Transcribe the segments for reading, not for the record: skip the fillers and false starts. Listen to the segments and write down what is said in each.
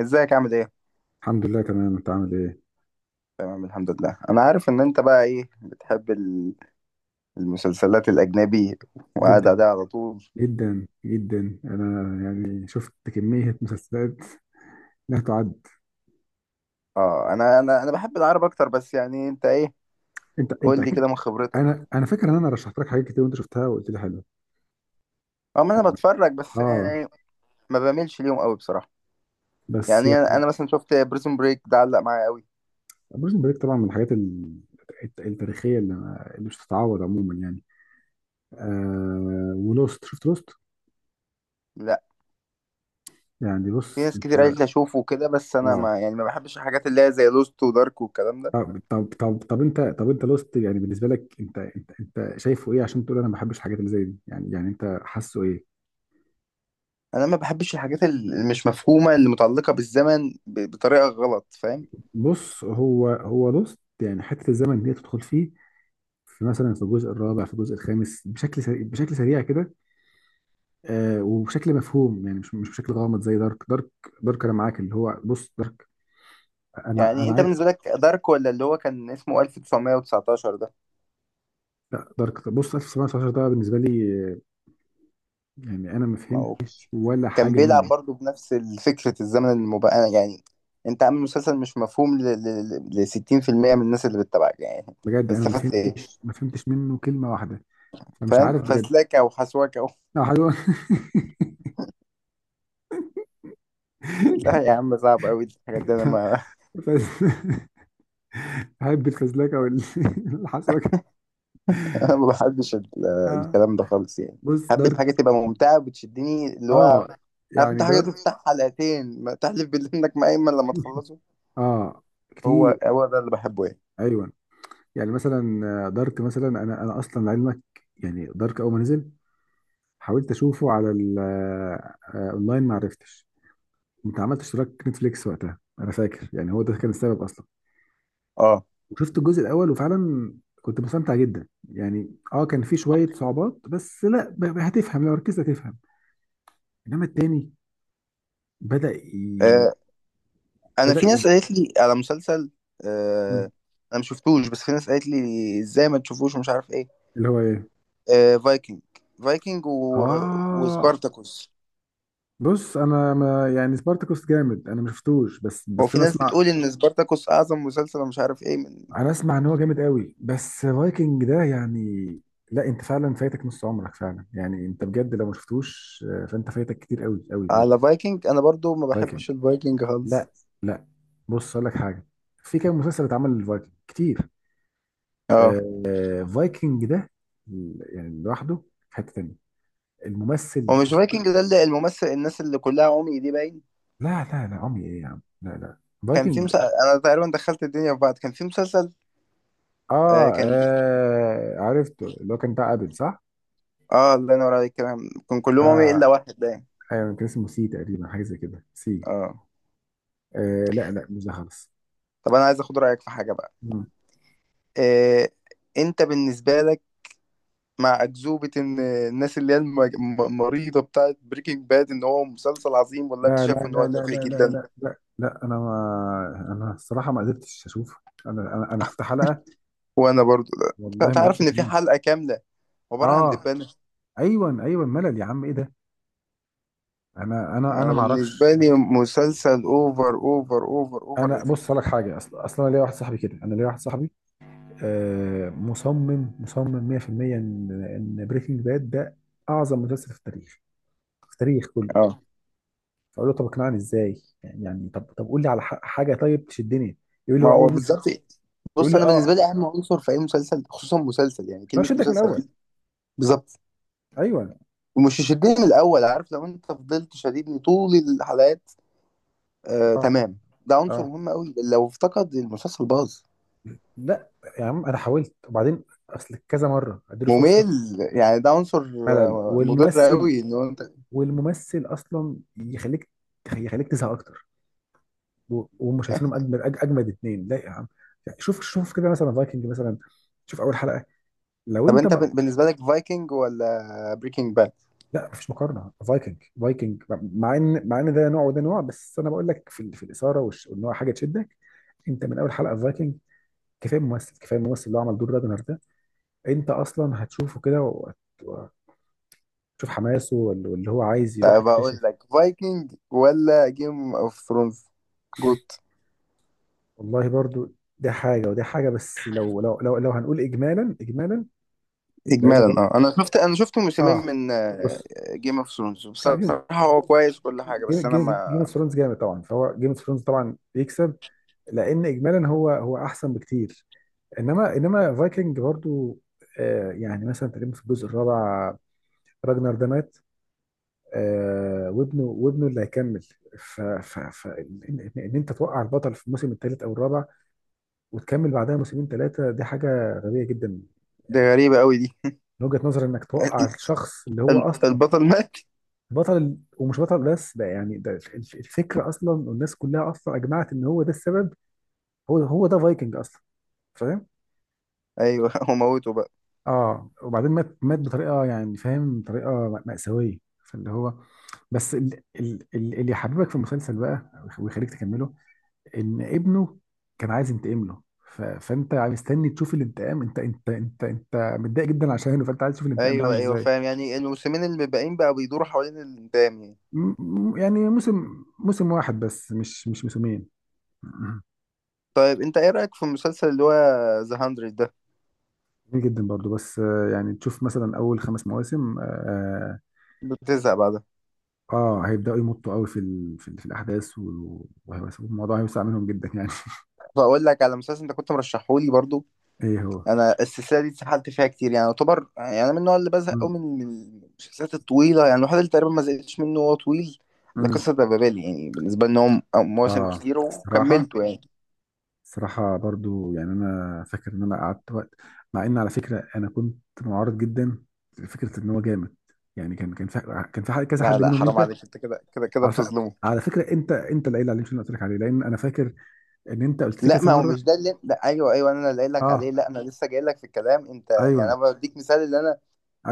ازيك عامل ايه؟ الحمد لله تمام. انت عامل ايه؟ تمام الحمد لله. انا عارف ان انت بقى ايه بتحب المسلسلات الاجنبي وقاعد جدا، عليها على طول. جدا جدا، انا يعني شفت كمية مسلسلات لا تعد. اه انا بحب العرب اكتر، بس يعني انت ايه؟ انت قول لي اكيد. كده من خبرتك. انا فاكر ان انا رشحت لك حاجات كتير وانت شفتها وقلت لي حلو. اه، ما انا بتفرج بس اه يعني ما بعملش ليهم قوي بصراحة. بس يعني انا يعني، أنا مثلا شفت بريزون بريك ده علق معايا قوي. بريزن بريك طبعا من الحاجات التاريخية اللي اللي مش تتعوض عموما يعني. ولوست، شفت لوست؟ لا، يعني في بص ناس كتير قالت لي اشوفه كده، بس انا اه. ما يعني ما بحبش الحاجات اللي هي زي لوست ودارك والكلام ده. طب انت، انت لوست يعني بالنسبة لك، انت شايفه ايه عشان تقول انا ما بحبش الحاجات اللي زي دي؟ يعني انت حاسه ايه؟ انا ما بحبش الحاجات اللي مش مفهومة، اللي متعلقة بالزمن بطريقة غلط فاهم. بص هو لوست يعني حته الزمن دي تدخل فيه. في مثلا في الجزء الرابع في الجزء الخامس بشكل سريع، بشكل سريع كده. وبشكل مفهوم، يعني مش بشكل غامض زي دارك دارك. دارك، انا معاك، اللي هو بص دارك. انا يعني انا انت عايز. بالنسبه لك دارك ولا اللي هو كان اسمه 1919 ده؟ لا دارك، بص، 1919 ده بالنسبه لي، يعني انا ما ما هو فهمتش ولا كان حاجه بيلعب منه. برضه بنفس فكره الزمن المبقى، يعني انت عامل مسلسل مش مفهوم ل 60% من الناس اللي بتتابعك يعني. بجد انا ما استفدت ايه؟ فهمتش، ما فهمتش منه كلمه واحده. فمش فاهم، عارف بجد. فسلاكه وحسواكه و... لا حلو لا يا عم، صعب قوي الحاجات دي، انا ما احب الفزلكه والحسوكه. انا ما بحبش اه، الكلام ده خالص يعني. بص. حابب الحاجه تبقى ممتعه وبتشدني، اللي هو اه عارف انت يعني حاجه دارت. تفتح حلقتين ما تحلف بالله انك مقيمن لما تخلصه. اه هو كتير. هو ده اللي بحبه يعني. ايوه. يعني مثلا، دارك مثلا، انا اصلا لعلمك. يعني دارك اول ما نزل حاولت اشوفه على اونلاين، ما عرفتش. كنت عملت اشتراك نتفليكس وقتها، انا فاكر، يعني هو ده كان السبب اصلا. اه، وشفت الجزء الاول وفعلا كنت مستمتع جدا يعني. اه كان في شويه صعوبات بس، لا، هتفهم لو ركزت هتفهم. انما التاني بدأ ي... آه، انا بدأ في ي... ناس قالت لي على مسلسل. م، آه انا مش شفتوش، بس في ناس قالت لي ازاي ما تشوفوش ومش عارف ايه. اللي هو ايه؟ فايكنج. فايكنج و... اه وسبارتاكوس. بص، انا ما يعني سبارتاكوس جامد، انا ما شفتوش بس، هو في انا ناس اسمع. بتقول ان سبارتاكوس اعظم مسلسل ومش عارف ايه من... انا اسمع ان هو جامد قوي، بس فايكنج ده يعني، لا، انت فعلا فايتك نص عمرك فعلا يعني، انت بجد لو ما شفتوش، فانت فايتك كتير قوي قوي بجد. على فايكنج انا برضو ما فايكنج، بحبش الفايكنج خالص. لا، لا، بص اقول لك حاجه. في كام مسلسل اتعمل للفايكنج كتير. اه، فايكنج ده يعني لوحده في حته تانيه. الممثل، هو مش فايكنج ده اللي الممثل الناس اللي كلها عمي دي باين؟ لا لا لا عمي ايه يا عم، لا، لا، كان في فايكنج. مسلسل، انا تقريبا دخلت الدنيا في بعض، كان في مسلسل. اه، كان. عرفته اللي هو كان بتاع ابل، صح. اه، الله ينور عليك، كان كلهم عمي الا اه واحد باين. ايوه، كان اسمه سي تقريبا، حاجه زي كده، سي. اه. لا، لا، مش ده خالص. طب انا عايز اخد رايك في حاجه بقى. مم. آه، انت بالنسبه لك مع اكذوبه ان الناس اللي هي مريضه بتاعت بريكنج باد ان هو مسلسل عظيم، ولا انت لا لا شايف ان هو لا لا تافه لا لا جدا؟ لا لا لا، انا الصراحه ما قدرتش اشوف. انا شفت حلقه، وانا برضو. لا. والله ما تعرف قدرت ان في اكمل. حلقه كامله عباره عن اه دبانه. ايوه ايوه، ملل يا عم، ايه ده. انا انا ما اعرفش. بالنسبه لي مسلسل اوفر اوفر اوفر اوفر انا بص ريتد. أقول لك حاجه، اصلا اصلا انا ليا واحد صاحبي كده، انا ليا واحد صاحبي مصمم مصمم 100% ان بريكنج باد ده اعظم مسلسل في التاريخ، في التاريخ كله. اه، فاقول له طب اقنعني ازاي يعني، طب قول لي على حاجه طيب تشدني. يقول لي ما هو هو اول موسم. بالظبط. يقول بص لي انا اه، بالنسبه لي اهم عنصر في اي مسلسل، خصوصا مسلسل، يعني ما كلمه شدك من مسلسل الاول. دي. بالظبط. ايوه. ومش يشدني من الاول، عارف، لو انت فضلت شديدني طول الحلقات، آه، اه تمام. ده عنصر اه. مهم قوي، لو افتقد المسلسل باظ. لا يا عم انا حاولت وبعدين، اصل كذا مره اديله فرصه. ممل يعني، ده عنصر ملل، مضر قوي، ان هو انت. والممثل اصلا يخليك تزهق اكتر. وهم شايفينهم اجمد، اجمد اتنين، لا يا عم. شوف كده مثلا فايكنج مثلا، شوف اول حلقه لو طب انت انت ما بالنسبه لك فايكنج ولا بريكنج باد؟ لا، مفيش مقارنه، فايكنج فايكنج. مع ان ده نوع وده نوع، بس انا بقول لك في الاثاره وان هو حاجه تشدك. انت من اول حلقه في فايكنج، كفايه ممثل، كفايه الممثل اللي هو عمل دور راجنر ده، انت اصلا هتشوفه كده، وهتشوف حماسه واللي هو عايز يروح طب اقول يكتشف. لك، فايكنج ولا جيم اوف ثرونز؟ جوت. والله برضو، ده حاجه وده حاجه، بس لو لو هنقول اجمالا، اجمالا. لان اجمالا، برضو اه، انا شفت موسمين اه، من بص، جيم اوف ثرونز. آه، بصراحه هو كويس كل حاجه، بس انا جيم ما... اوف ثرونز جامد طبعا، فهو جيم اوف ثرونز طبعا يكسب، لان اجمالا هو احسن بكتير. انما فايكنج برضو، يعني مثلا تقريبا في الجزء الرابع راجنر ده مات. وابنه اللي هيكمل. ف ان انت توقع البطل في الموسم الثالث او الرابع، وتكمل بعدها موسمين ثلاثه، دي حاجه غبيه جدا. دي غريبه قوي دي. من وجهه نظري انك توقع ال- الشخص اللي هو اصلا البطل مات. بطل ومش بطل بس، ده يعني ده الفكره اصلا، والناس كلها اصلا اجمعت ان هو ده السبب. هو ده فايكنج اصلا. ايوه هو موته بقى. اه، وبعدين مات، مات بطريقه يعني، فاهم، طريقه مأساويه. فاللي هو، بس اللي يحببك في المسلسل بقى ويخليك تكمله ان ابنه كان عايز ينتقم له. فانت مستني تشوف الانتقام، انت متضايق جدا عشانه، فانت عايز تشوف الانتقام ده عامل ايوه، ايوه ايوه، ازاي ايوه. فاهم، يعني الموسمين اللي باقيين بقى بيدوروا حوالين الانتقام يعني. م- يعني موسم واحد بس، مش موسمين طيب انت ايه رايك في المسلسل اللي هو ذا 100 ده؟ جميل جدا برضو، بس يعني تشوف مثلا اول 5 مواسم، بتزهق بعدها. اه هيبداوا يمطوا قوي في الاحداث، والموضوع هيوسع منهم جدا يعني فاقول لك على مسلسل انت كنت مرشحه لي برضو. ايه هو. انا السلسله دي اتسحلت فيها كتير، يعني يعتبر، يعني انا من النوع اللي بزهق قوي مم. من المسلسلات الطويله، يعني الوحيد اللي تقريبا ما زهقتش منه هو طويل. لا، مم. قصه بابل، يعني بالنسبه لي ان هو مواسم اه. كتير الصراحه، وكملته يعني. الصراحه برضو، يعني انا فاكر ان انا قعدت وقت، مع ان على فكره انا كنت معارض جدا لفكره ان هو جامد. يعني كان في كذا لا، حد لا، منهم حرام انت. عليك، انت كده كده كده على ف... بتظلمه. على فكره، انت اللي قايل عليه، مش انا اللي قلت لك عليه، لان انا فاكر ان انت قلت لي لا، كذا ما هو مره. مش ده اللي، لا ايوه ايوه، انا اللي قايل لك عليه. اه لا انا لسه جاي لك في الكلام، انت يعني ايوه انا بديك مثال، اللي انا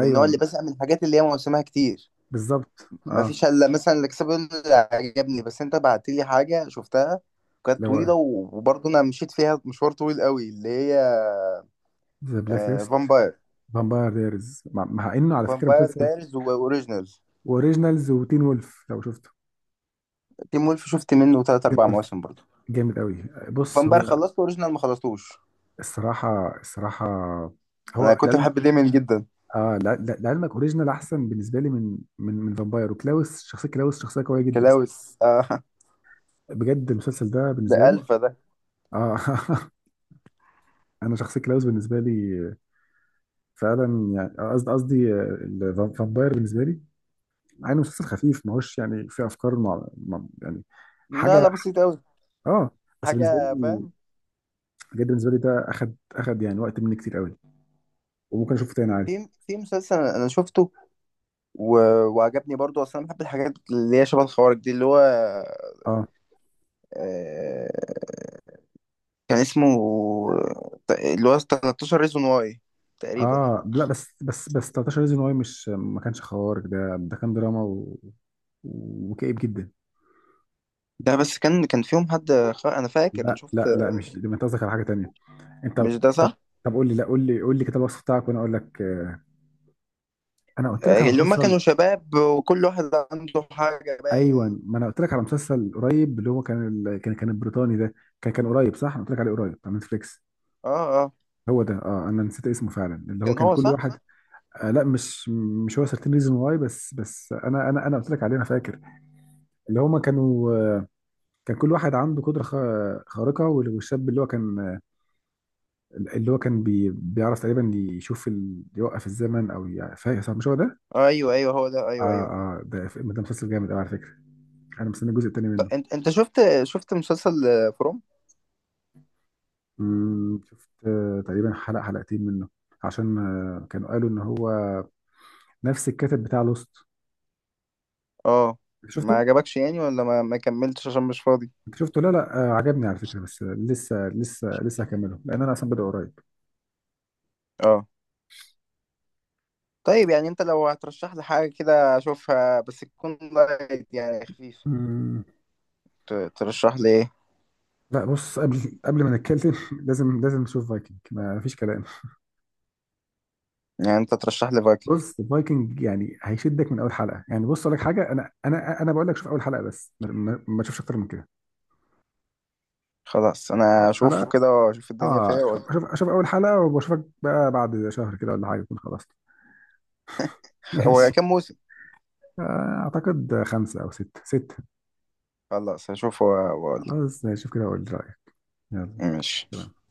من النوع اللي بزهق من الحاجات اللي هي موسمها كتير. بالظبط ما اه. فيش الا مثلا الاكسبل اللي عجبني، بس انت بعت لي حاجه شفتها اللي كانت طويله هو وبرضه انا مشيت فيها مشوار طويل قوي، اللي هي ذا بلاك ليست، فامباير. فامباير دايرز، مع انه على فكره فامباير مسلسل دايرز واوريجينال، اوريجينالز وتين وولف لو شفته. تيم وولف شفت منه تلات تين اربع وولف مواسم برضه. جامد قوي. بص فامباير هو خلصت واوريجينال ما خلصتوش. الصراحه، الصراحه انا هو كنت لعلم، بحب ديمن جدا. اه لعلمك اوريجينال احسن بالنسبه لي من فامباير. وكلاوس، شخصيه كلاوس شخصيه قويه جدا كلاوس، آه. بجد، المسلسل ده بالنسبه ده لي. الفا ده. اه انا شخصيه كلاوس بالنسبه لي فعلا، يعني قصدي فامباير بالنسبه لي، مع انه مسلسل خفيف، ما هوش يعني فيه افكار، يعني لا، لا، حاجه. بسيط قوي. اه بس بالنسبه حاجه لي فاهم. بجد، بالنسبه لي ده اخد يعني وقت مني كتير قوي، وممكن اشوفه تاني عادي. في مسلسل انا شفته و... وعجبني برضو، اصلا أنا بحب الحاجات اللي هي شبه الخوارج دي، اللي هو اه آه... كان اسمه، اللي هو 13 ريزون واي تقريبا. اه لا، بس 13 ريزون واي مش ما كانش خوارق، ده كان دراما و... وكئيب جدا. ده بس كان فيهم حد انا فاكر انا لا، شفت. لا، لا، مش ده، انت قصدك على حاجه تانيه. انت مش ده طب صح؟ طب قول لي، لا قول لي، كتاب الوصف بتاعك وانا اقول لك. انا قلت لك على اللي هما كانوا مسلسل. شباب وكل واحد عنده حاجة باين. ايوه، ما انا قلت لك على مسلسل قريب، اللي هو كان البريطاني ده، كان قريب، صح. انا قلت لك عليه قريب، على نتفليكس. اه، اه، هو ده. اه انا نسيت اسمه فعلا، اللي هو كان كان هو كل صح. واحد. لا مش هو سيرتين ريزون واي. بس انا قلت لك عليه. انا فاكر اللي هما كانوا، كان كل واحد عنده قدره خارقه، والشاب اللي هو كان، اللي هو كان بيعرف تقريبا، يوقف الزمن او فاهم، صح؟ مش هو ده؟ آه، ايوه، ايوه، هو ده، اه ايوه، ايوه. اه. ده مسلسل جامد قوي على فكره. انا مستني الجزء الثاني طب منه. انت شفت مسلسل فروم. شفت تقريبا حلقه حلقتين منه، عشان كانوا قالوا ان هو نفس الكاتب بتاع لوست. اه، ما شفته؟ عجبكش يعني، ولا ما كملتش عشان مش فاضي. انت شفته؟ لا لا، عجبني على فكره، بس لسه، هكمله، لان انا اصلا بدأ قريب. اه. طيب، يعني انت لو هترشح لي حاجة كده اشوفها، بس تكون لايت يعني خفيف، مم. ترشح لي ايه؟ لا بص، قبل ما نتكلم لازم، نشوف فايكنج، ما فيش كلام. يعني انت ترشح لي فايكنج. بص فايكنج يعني هيشدك من اول حلقه. يعني بص اقول لك حاجه، انا بقول لك شوف اول حلقه بس ما تشوفش اكتر من كده. خلاص انا اول حلقه اشوفه اشوف. كده واشوف الدنيا فيها اه شوف. وأقول- شوف اول حلقه، وبشوفك بقى بعد شهر كده، ولا حاجه تكون خلصت. هو ماشي. كام موسم؟ آه، اعتقد 5 او 6، سته. خلاص هشوفه واقول لك. خلاص ماشي، شوف كده اقول رايك. ماشي يلا.